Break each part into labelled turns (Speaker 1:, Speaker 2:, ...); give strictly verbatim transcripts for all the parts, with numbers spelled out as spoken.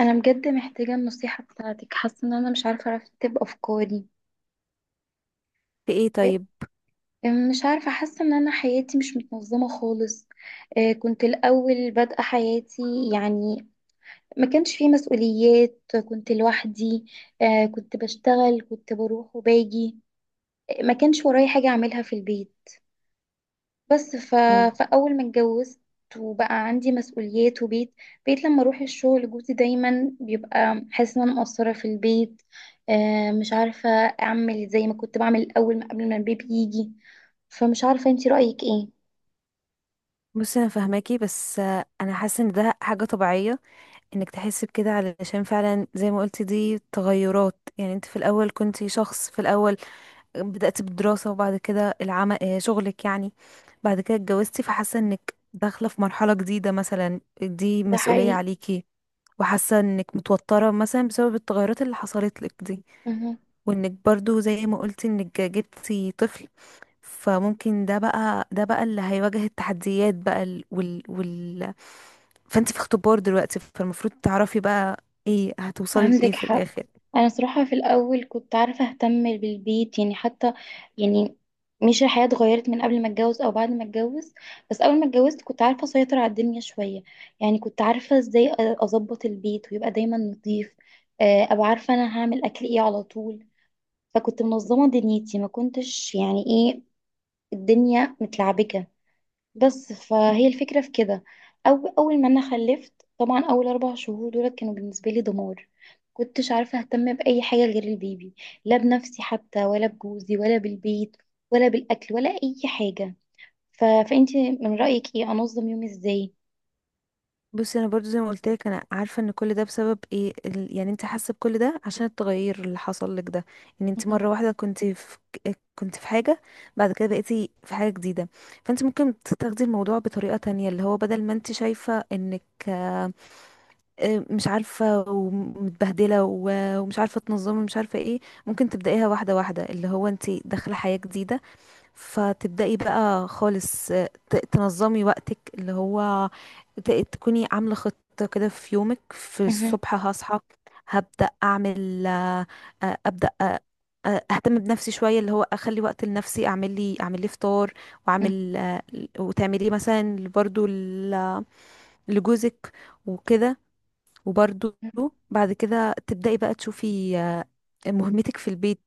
Speaker 1: انا بجد محتاجه النصيحه بتاعتك، حاسه ان انا مش عارفه ارتب افكاري.
Speaker 2: في ايه
Speaker 1: إيه،
Speaker 2: طيب؟
Speaker 1: مش عارفه، حاسه ان انا حياتي مش متنظمه خالص. إيه، كنت الاول بادئه حياتي يعني، ما كانش فيه مسؤوليات، كنت لوحدي. آه، كنت بشتغل، كنت بروح وباجي. آه، ما كانش ورايا حاجه اعملها في البيت. بس ف...
Speaker 2: أو-
Speaker 1: فأول ما اتجوزت وبقى عندي مسؤوليات وبيت، بقيت لما أروح الشغل جوزي دايما بيبقى حاسس إن أنا مقصرة في البيت. آه مش عارفة أعمل زي ما كنت بعمل الأول، ما- قبل ما البيبي يجي. فمش عارفة انتي رأيك ايه؟
Speaker 2: بصي، انا فاهماكي، بس آه، انا حاسه ان ده حاجه طبيعيه انك تحسي بكده، علشان فعلا زي ما قلتي دي تغيرات. يعني انت في الاول كنتي شخص. في الاول بدأت بالدراسه وبعد كده العمل، آه، شغلك يعني. بعد كده اتجوزتي، فحاسه انك داخله في مرحله جديده، مثلا دي
Speaker 1: ده
Speaker 2: مسؤوليه
Speaker 1: حقيقي.
Speaker 2: عليكي. وحاسه انك متوتره مثلا بسبب التغيرات اللي حصلت لك دي، وانك برضو زي ما قلتي انك جبتي طفل. فممكن ده بقى ده بقى اللي هيواجه التحديات بقى. ال- وال وال فانت في اختبار دلوقتي، فالمفروض تعرفي بقى ايه هتوصلي لايه
Speaker 1: عندك
Speaker 2: في
Speaker 1: حق.
Speaker 2: الاخر.
Speaker 1: انا صراحة في الاول كنت عارفة اهتم بالبيت يعني، حتى يعني مش الحياة اتغيرت من قبل ما اتجوز او بعد ما اتجوز، بس اول ما اتجوزت كنت عارفة اسيطر على الدنيا شوية. يعني كنت عارفة ازاي أ- اظبط البيت ويبقى دايما نظيف. آه، ابقى عارفة انا هعمل اكل ايه على طول. فكنت منظمة دنيتي، ما كنتش يعني ايه، الدنيا متلعبكة. بس فهي الفكرة في كده. أو أول ما أنا خلفت طبعا، أول أربع شهور دول كانوا بالنسبة لي دمار. كنتش عارفة أهتم بأي حاجة غير البيبي، لا بنفسي حتى ولا بجوزي ولا بالبيت ولا بالأكل ولا أي حاجة. ف... فأنتي من رأيك إيه أنظم يومي إزاي؟
Speaker 2: بصي، انا برضو زي ما قلت لك، انا عارفه ان كل ده بسبب ايه. ال- يعني انت حاسه بكل ده عشان التغير اللي حصل لك ده. ان انت
Speaker 1: مهم.
Speaker 2: مره واحده كنت في كنت في حاجه، بعد كده بقيتي في حاجه جديده. فانت ممكن تاخدي الموضوع بطريقه تانية، اللي هو بدل ما انت شايفه انك آه، مش عارفة ومتبهدلة و- ومش عارفة تنظمي، مش عارفة ايه. ممكن تبدأيها واحدة واحدة، اللي هو انتي داخلة حياة جديدة. فتبدأي بقى خالص، آه، ت- تنظمي وقتك، اللي هو ت- تكوني عاملة خطة كده في يومك. في
Speaker 1: مهم.
Speaker 2: الصبح هصحى، هبدأ أعمل، آه، آه، أبدأ آه، آه، أهتم بنفسي شوية، اللي هو أخلي وقت لنفسي، أعمل لي أعمل لي فطار
Speaker 1: مهم.
Speaker 2: وأعمل، آه، وتعمليه مثلا برضو ل- لجوزك وكده. وبرضو بعد كده تبدأي بقى تشوفي آه، مهمتك في البيت،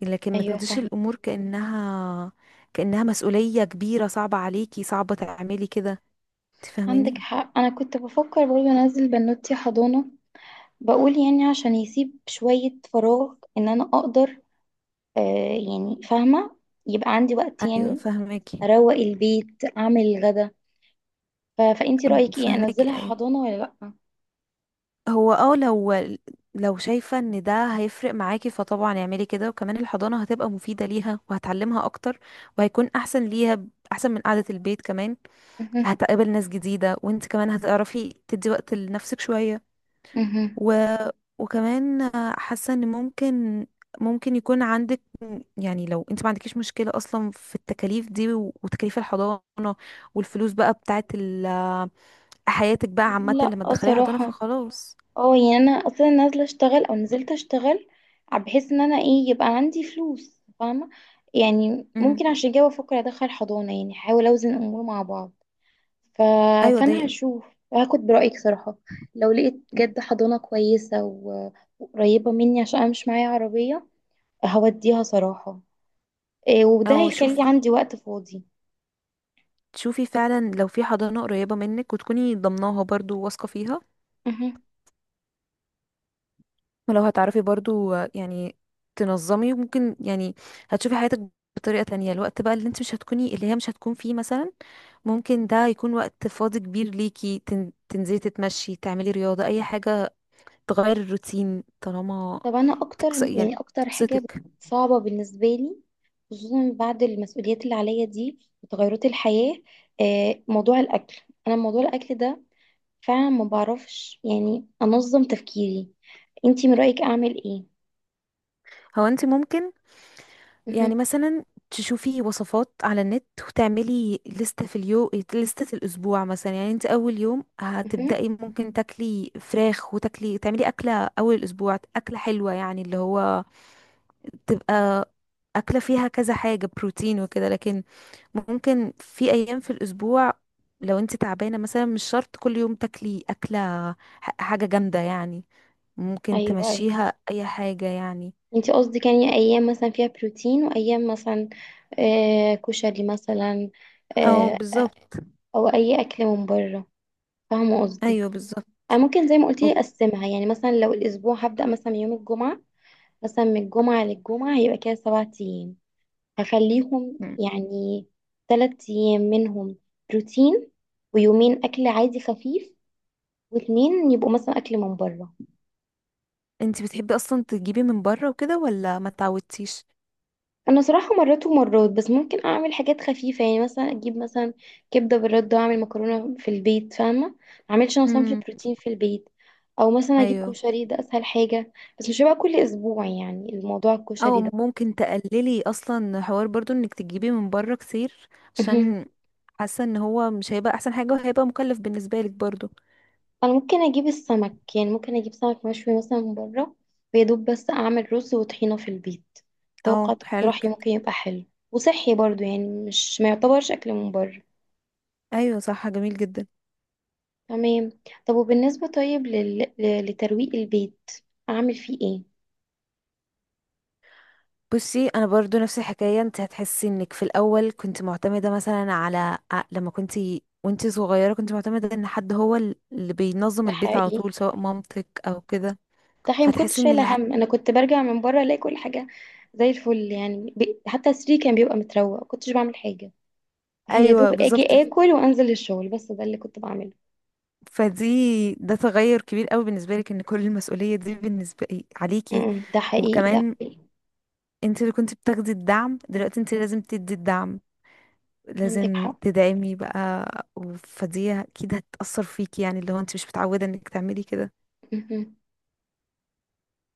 Speaker 2: لكن ما
Speaker 1: أيوة
Speaker 2: تاخديش
Speaker 1: فاهمة.
Speaker 2: الأمور كأنها كأنها مسؤولية كبيرة صعبة عليكي، صعبة تعملي كده. انت
Speaker 1: عندك
Speaker 2: فاهماني؟
Speaker 1: حق. أنا كنت بفكر برضه أنزل بنوتي حضانة، بقول يعني عشان يسيب شوية فراغ إن أنا أقدر، آه يعني فاهمة، يبقى عندي وقت
Speaker 2: ايوه،
Speaker 1: يعني
Speaker 2: فاهماكي.
Speaker 1: اروق البيت، اعمل الغدا. ف... فانتي
Speaker 2: أم-
Speaker 1: رايك ايه،
Speaker 2: فاهماكي،
Speaker 1: انزلها
Speaker 2: ايوه.
Speaker 1: حضانه ولا لا؟
Speaker 2: هو اه لو لو شايفة ان ده هيفرق معاكي، فطبعا اعملي كده. وكمان الحضانة هتبقى مفيدة ليها، وهتعلمها اكتر، وهيكون احسن ليها، ب- احسن من قعدة البيت كمان.
Speaker 1: مهم.
Speaker 2: هتقابل ناس جديدة، وانت كمان هتعرفي تدي وقت لنفسك شوية.
Speaker 1: مهم.
Speaker 2: و... وكمان حاسه ان ممكن ممكن يكون عندك، يعني لو انت ما عندكيش مشكله اصلا في التكاليف دي، و- وتكاليف الحضانه والفلوس بقى بتاعت ال... حياتك بقى عامه
Speaker 1: لا،
Speaker 2: لما
Speaker 1: آه،
Speaker 2: تدخلي حضانه،
Speaker 1: صراحه.
Speaker 2: فخلاص.
Speaker 1: اه يعني انا اصلا نازله اشتغل او نزلت اشتغل بحيث ان انا ايه يبقى عندي فلوس، فاهمه يعني؟
Speaker 2: امم
Speaker 1: ممكن عشان كده بفكر ادخل حضانه، يعني احاول اوزن الامور مع بعض. ف...
Speaker 2: ايوه، دي.
Speaker 1: فانا هشوف، هاخد برايك صراحه. لو لقيت بجد حضانه كويسه و... وقريبه مني، عشان انا مش معايا عربيه، هوديها صراحه. إيه، وده
Speaker 2: او
Speaker 1: هيخلي
Speaker 2: شوف
Speaker 1: عندي وقت فاضي.
Speaker 2: شوفي فعلا لو في حضانه قريبه منك، وتكوني ضمناها برضو واثقه فيها،
Speaker 1: مهم.
Speaker 2: ما لو هتعرفي برضو آه، يعني تنظمي، ممكن يعني هتشوفي حياتك بطريقة تانية. الوقت بقى اللي انت مش هتكوني اللي هي مش هتكون فيه مثلا، ممكن ده يكون وقت فاضي كبير ليكي. تن- تنزلي، تتمشي، تعملي رياضة، أي حاجة تغير الروتين، طالما
Speaker 1: طب، انا اكتر
Speaker 2: تكس... يعني
Speaker 1: يعني اكتر حاجه
Speaker 2: تبسطك.
Speaker 1: صعبه بالنسبه لي، خصوصا بعد المسؤوليات اللي عليا دي وتغيرات الحياه، آه، موضوع الاكل. انا موضوع الاكل ده فعلا ما بعرفش يعني انظم تفكيري. انتي من رايك اعمل ايه؟
Speaker 2: هو انت ممكن،
Speaker 1: مهم.
Speaker 2: يعني مثلا تشوفي وصفات على النت، وتعملي لستة في اليوم، لستة الأسبوع مثلا. يعني انت أول يوم
Speaker 1: مهم.
Speaker 2: هتبدأي ممكن تاكلي فراخ، وتاكلي تعملي أكلة أول الأسبوع أكلة حلوة، يعني اللي هو تبقى أكلة فيها كذا حاجة بروتين وكده. لكن ممكن في أيام في الأسبوع لو انت تعبانة مثلا، مش شرط كل يوم تاكلي أكلة، ح- حاجة جامدة يعني، ممكن
Speaker 1: ايوه، ايوه.
Speaker 2: تمشيها أي حاجة يعني.
Speaker 1: انتي قصدك يعني ايام مثلا فيها بروتين، وايام مثلا آه، كشري مثلا،
Speaker 2: أو
Speaker 1: آه،
Speaker 2: بالظبط.
Speaker 1: او اي اكل من بره، فاهمه قصدي.
Speaker 2: أيوه، بالظبط.
Speaker 1: أنا ممكن زي ما قلت لي أقسمها. يعني مثلا لو الأسبوع هبدأ مثلا من يوم الجمعة، مثلا من الجمعة للجمعة هيبقى كده سبعة أيام، هخليهم يعني تلات أيام منهم بروتين، ويومين أكل عادي خفيف، واتنين يبقوا مثلا أكل من بره.
Speaker 2: انت بتحبي اصلا تجيبي من بره وكده، ولا ما تعودتيش؟
Speaker 1: أنا صراحة مرات ومرات، بس ممكن أعمل حاجات خفيفة، يعني مثلا أجيب مثلا كبدة بالردة وأعمل مكرونة في البيت، فاهمة؟ معملش أنا صنف
Speaker 2: امم.
Speaker 1: بروتين في البيت. أو مثلا أجيب
Speaker 2: ايوه.
Speaker 1: كشري، ده أسهل حاجة، بس مش هيبقى كل أسبوع يعني الموضوع
Speaker 2: او
Speaker 1: الكشري ده.
Speaker 2: ممكن تقللي اصلا حوار برضو انك تجيبي من بره كتير، عشان حاسه ان هو مش هيبقى احسن حاجه، وهيبقى مكلف بالنسبه لك برضو.
Speaker 1: انا ممكن اجيب السمك، يعني ممكن اجيب سمك مشوي مثلا من بره، ويا دوب بس اعمل رز وطحينه في البيت. اتوقع
Speaker 2: اه، حلو
Speaker 1: اقتراحي
Speaker 2: جدا.
Speaker 1: ممكن يبقى حلو، وصحي برضو، يعني مش، ما يعتبرش اكل من بره.
Speaker 2: ايوه، صح، جميل جدا.
Speaker 1: تمام. طب وبالنسبه، طيب لل... ل- لترويق البيت، اعمل فيه ايه؟
Speaker 2: بصي، انا برضو نفس الحكايه. انت هتحسي انك في الاول كنت معتمده مثلا على ع- لما كنت وانت صغيره، كنت معتمده ان حد هو ال- اللي بينظم
Speaker 1: ده
Speaker 2: البيت على
Speaker 1: حقيقي
Speaker 2: طول، سواء مامتك او كده.
Speaker 1: ده حقيقي، ما
Speaker 2: فتحسي
Speaker 1: كنتش
Speaker 2: ان الح...
Speaker 1: شايله هم، انا كنت برجع من بره الاقي كل حاجه زي الفل يعني، ب... حتى السرير كان بيبقى متروق، ما كنتش بعمل حاجه. يا دوب
Speaker 2: ايوه، بالظبط.
Speaker 1: اجي اكل وانزل الشغل، بس ده اللي كنت بعمله.
Speaker 2: فدي ده تغير كبير قوي بالنسبة لك، ان كل المسؤولية دي بالنسبة إيه،
Speaker 1: م-
Speaker 2: عليكي.
Speaker 1: م، ده حقيقي ده
Speaker 2: وكمان
Speaker 1: حقيقي.
Speaker 2: انت اللي كنت بتاخدي الدعم، دلوقتي انت لازم تدي الدعم،
Speaker 1: عندك
Speaker 2: لازم
Speaker 1: حق.
Speaker 2: تدعمي بقى. و- فدي اكيد هتأثر فيكي، يعني اللي هو انت مش متعودة انك تعملي كده.
Speaker 1: مهم.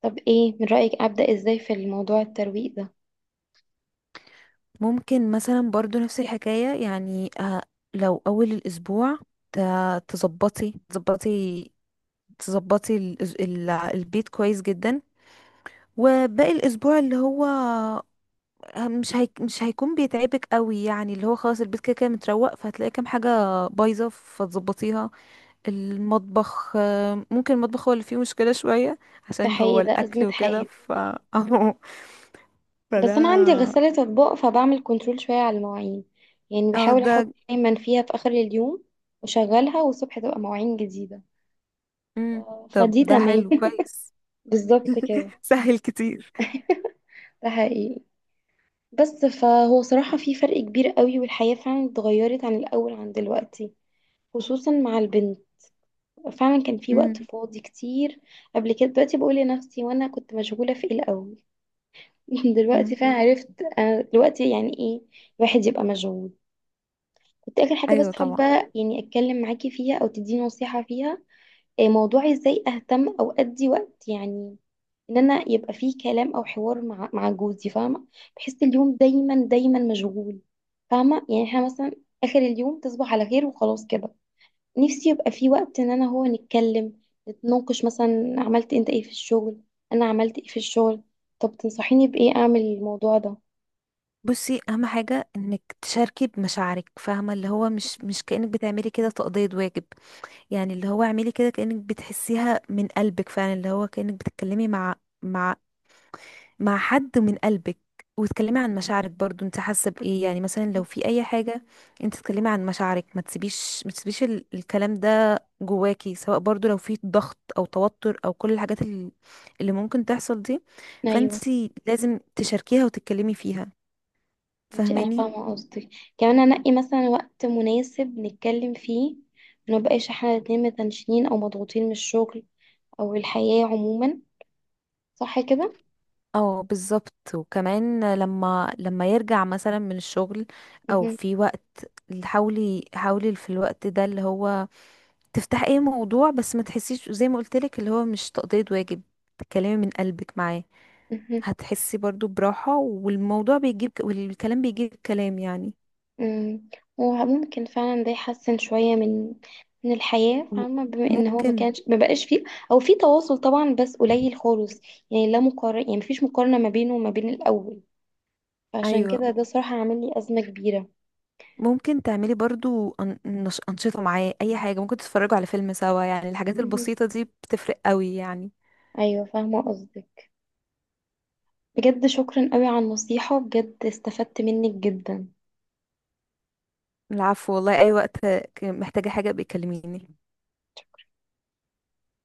Speaker 1: طب ايه من رأيك، أبدأ ازاي في الموضوع الترويق ده؟
Speaker 2: ممكن مثلا برضو نفس الحكاية، يعني آه، لو اول الاسبوع ت- تظبطي تظبطي تظبطي الأس- ال- البيت كويس جدا، وباقي الاسبوع اللي هو آه، مش هيك مش هيكون بيتعبك قوي، يعني اللي هو خلاص البيت كده كده متروق، فهتلاقي كام حاجه بايظه فتظبطيها. المطبخ، آه، ممكن المطبخ هو اللي فيه مشكله شويه،
Speaker 1: ده
Speaker 2: عشان هو
Speaker 1: حقيقي، ده أزمة
Speaker 2: الاكل وكده.
Speaker 1: حائط.
Speaker 2: ف اهو.
Speaker 1: بس أنا عندي
Speaker 2: فده.
Speaker 1: غسالة أطباق، فبعمل كنترول شوية على المواعين، يعني
Speaker 2: اه
Speaker 1: بحاول
Speaker 2: ده.
Speaker 1: أحط دايما فيها في آخر اليوم وأشغلها، والصبح تبقى مواعين جديدة.
Speaker 2: مم.
Speaker 1: ف-
Speaker 2: طب
Speaker 1: فدي
Speaker 2: ده
Speaker 1: تمام.
Speaker 2: حلو كويس.
Speaker 1: بالظبط كده.
Speaker 2: سهل كتير.
Speaker 1: ده حقيقي. بس فهو صراحة في فرق كبير قوي، والحياة فعلا اتغيرت عن الأول عن دلوقتي، خصوصا مع البنت. فعلا كان في وقت
Speaker 2: مم.
Speaker 1: فاضي كتير قبل كده. دلوقتي بقول لنفسي، وانا كنت مشغولة في ايه الأول؟ دلوقتي
Speaker 2: مم.
Speaker 1: فعلا عرفت انا دلوقتي يعني ايه الواحد يبقى مشغول. كنت اخر حاجه بس
Speaker 2: ايوه، طبعا.
Speaker 1: حابه يعني اتكلم معاكي فيها او تديني نصيحه فيها. إيه موضوع ازاي اهتم او ادي وقت يعني، ان انا يبقى فيه كلام او حوار مع مع جوزي، فاهمه؟ بحس اليوم دايما دايما مشغول، فاهمه يعني؟ احنا مثلا اخر اليوم تصبح على خير وخلاص كده. نفسي يبقى فيه وقت ان انا هو نتكلم، نتناقش، مثلا عملت انت ايه في الشغل، انا عملت ايه في الشغل. طب تنصحيني بايه اعمل الموضوع ده؟
Speaker 2: بصي، اهم حاجه انك تشاركي بمشاعرك، فاهمه؟ اللي هو مش مش كانك بتعملي كده تقضيه واجب. يعني اللي هو اعملي كده كأنك بتحسيها من قلبك فعلا، اللي هو كأنك بتتكلمي مع مع مع حد من قلبك. وتكلمي عن مشاعرك برضو انت حاسه بايه، يعني مثلا لو في اي حاجه انت تتكلمي عن مشاعرك. ما تسيبيش ما تسيبيش ال- الكلام ده جواكي، سواء برضو لو في ضغط او توتر، او كل الحاجات ال- اللي ممكن تحصل دي. فانت
Speaker 1: ايوه.
Speaker 2: لازم تشاركيها وتتكلمي فيها.
Speaker 1: انت، انا
Speaker 2: فاهماني؟
Speaker 1: فاهمه قصدك، كمان انقي مثلا وقت مناسب نتكلم فيه، ما نبقاش احنا الاتنين متنشنين او مضغوطين من الشغل او الحياه عموما. صح كده؟
Speaker 2: اه، بالظبط. وكمان لما لما يرجع مثلا من الشغل، او
Speaker 1: مهم.
Speaker 2: في وقت، حاولي حاولي في الوقت ده اللي هو تفتح اي موضوع، بس ما تحسيش زي ما قلت لك اللي هو مش تقضية واجب، تتكلمي من قلبك معاه.
Speaker 1: مهم.
Speaker 2: هتحسي برضو براحة، والموضوع بيجيب والكلام بيجيب كلام، يعني
Speaker 1: مم. وممكن فعلا ده يحسن شويه من من الحياه، فاهمه؟ بما ان هو ما
Speaker 2: ممكن.
Speaker 1: كانش، ما بقاش فيه او في تواصل طبعا، بس قليل خالص، يعني لا مقارنه، يعني مفيش مقارنه ما بينه وما بين الاول. فعشان
Speaker 2: ايوه،
Speaker 1: كده ده صراحه عامل لي ازمه كبيره.
Speaker 2: ممكن تعملي برضو أن- نش- انشطة معاه، اي حاجة، ممكن تتفرجوا على فيلم سوا، يعني الحاجات
Speaker 1: مهم.
Speaker 2: البسيطة دي بتفرق قوي يعني.
Speaker 1: ايوه فاهمه قصدك. بجد شكرا قوي على النصيحة، بجد استفدت منك جدا.
Speaker 2: العفو، والله اي وقت ك- محتاجة حاجة بيكلميني.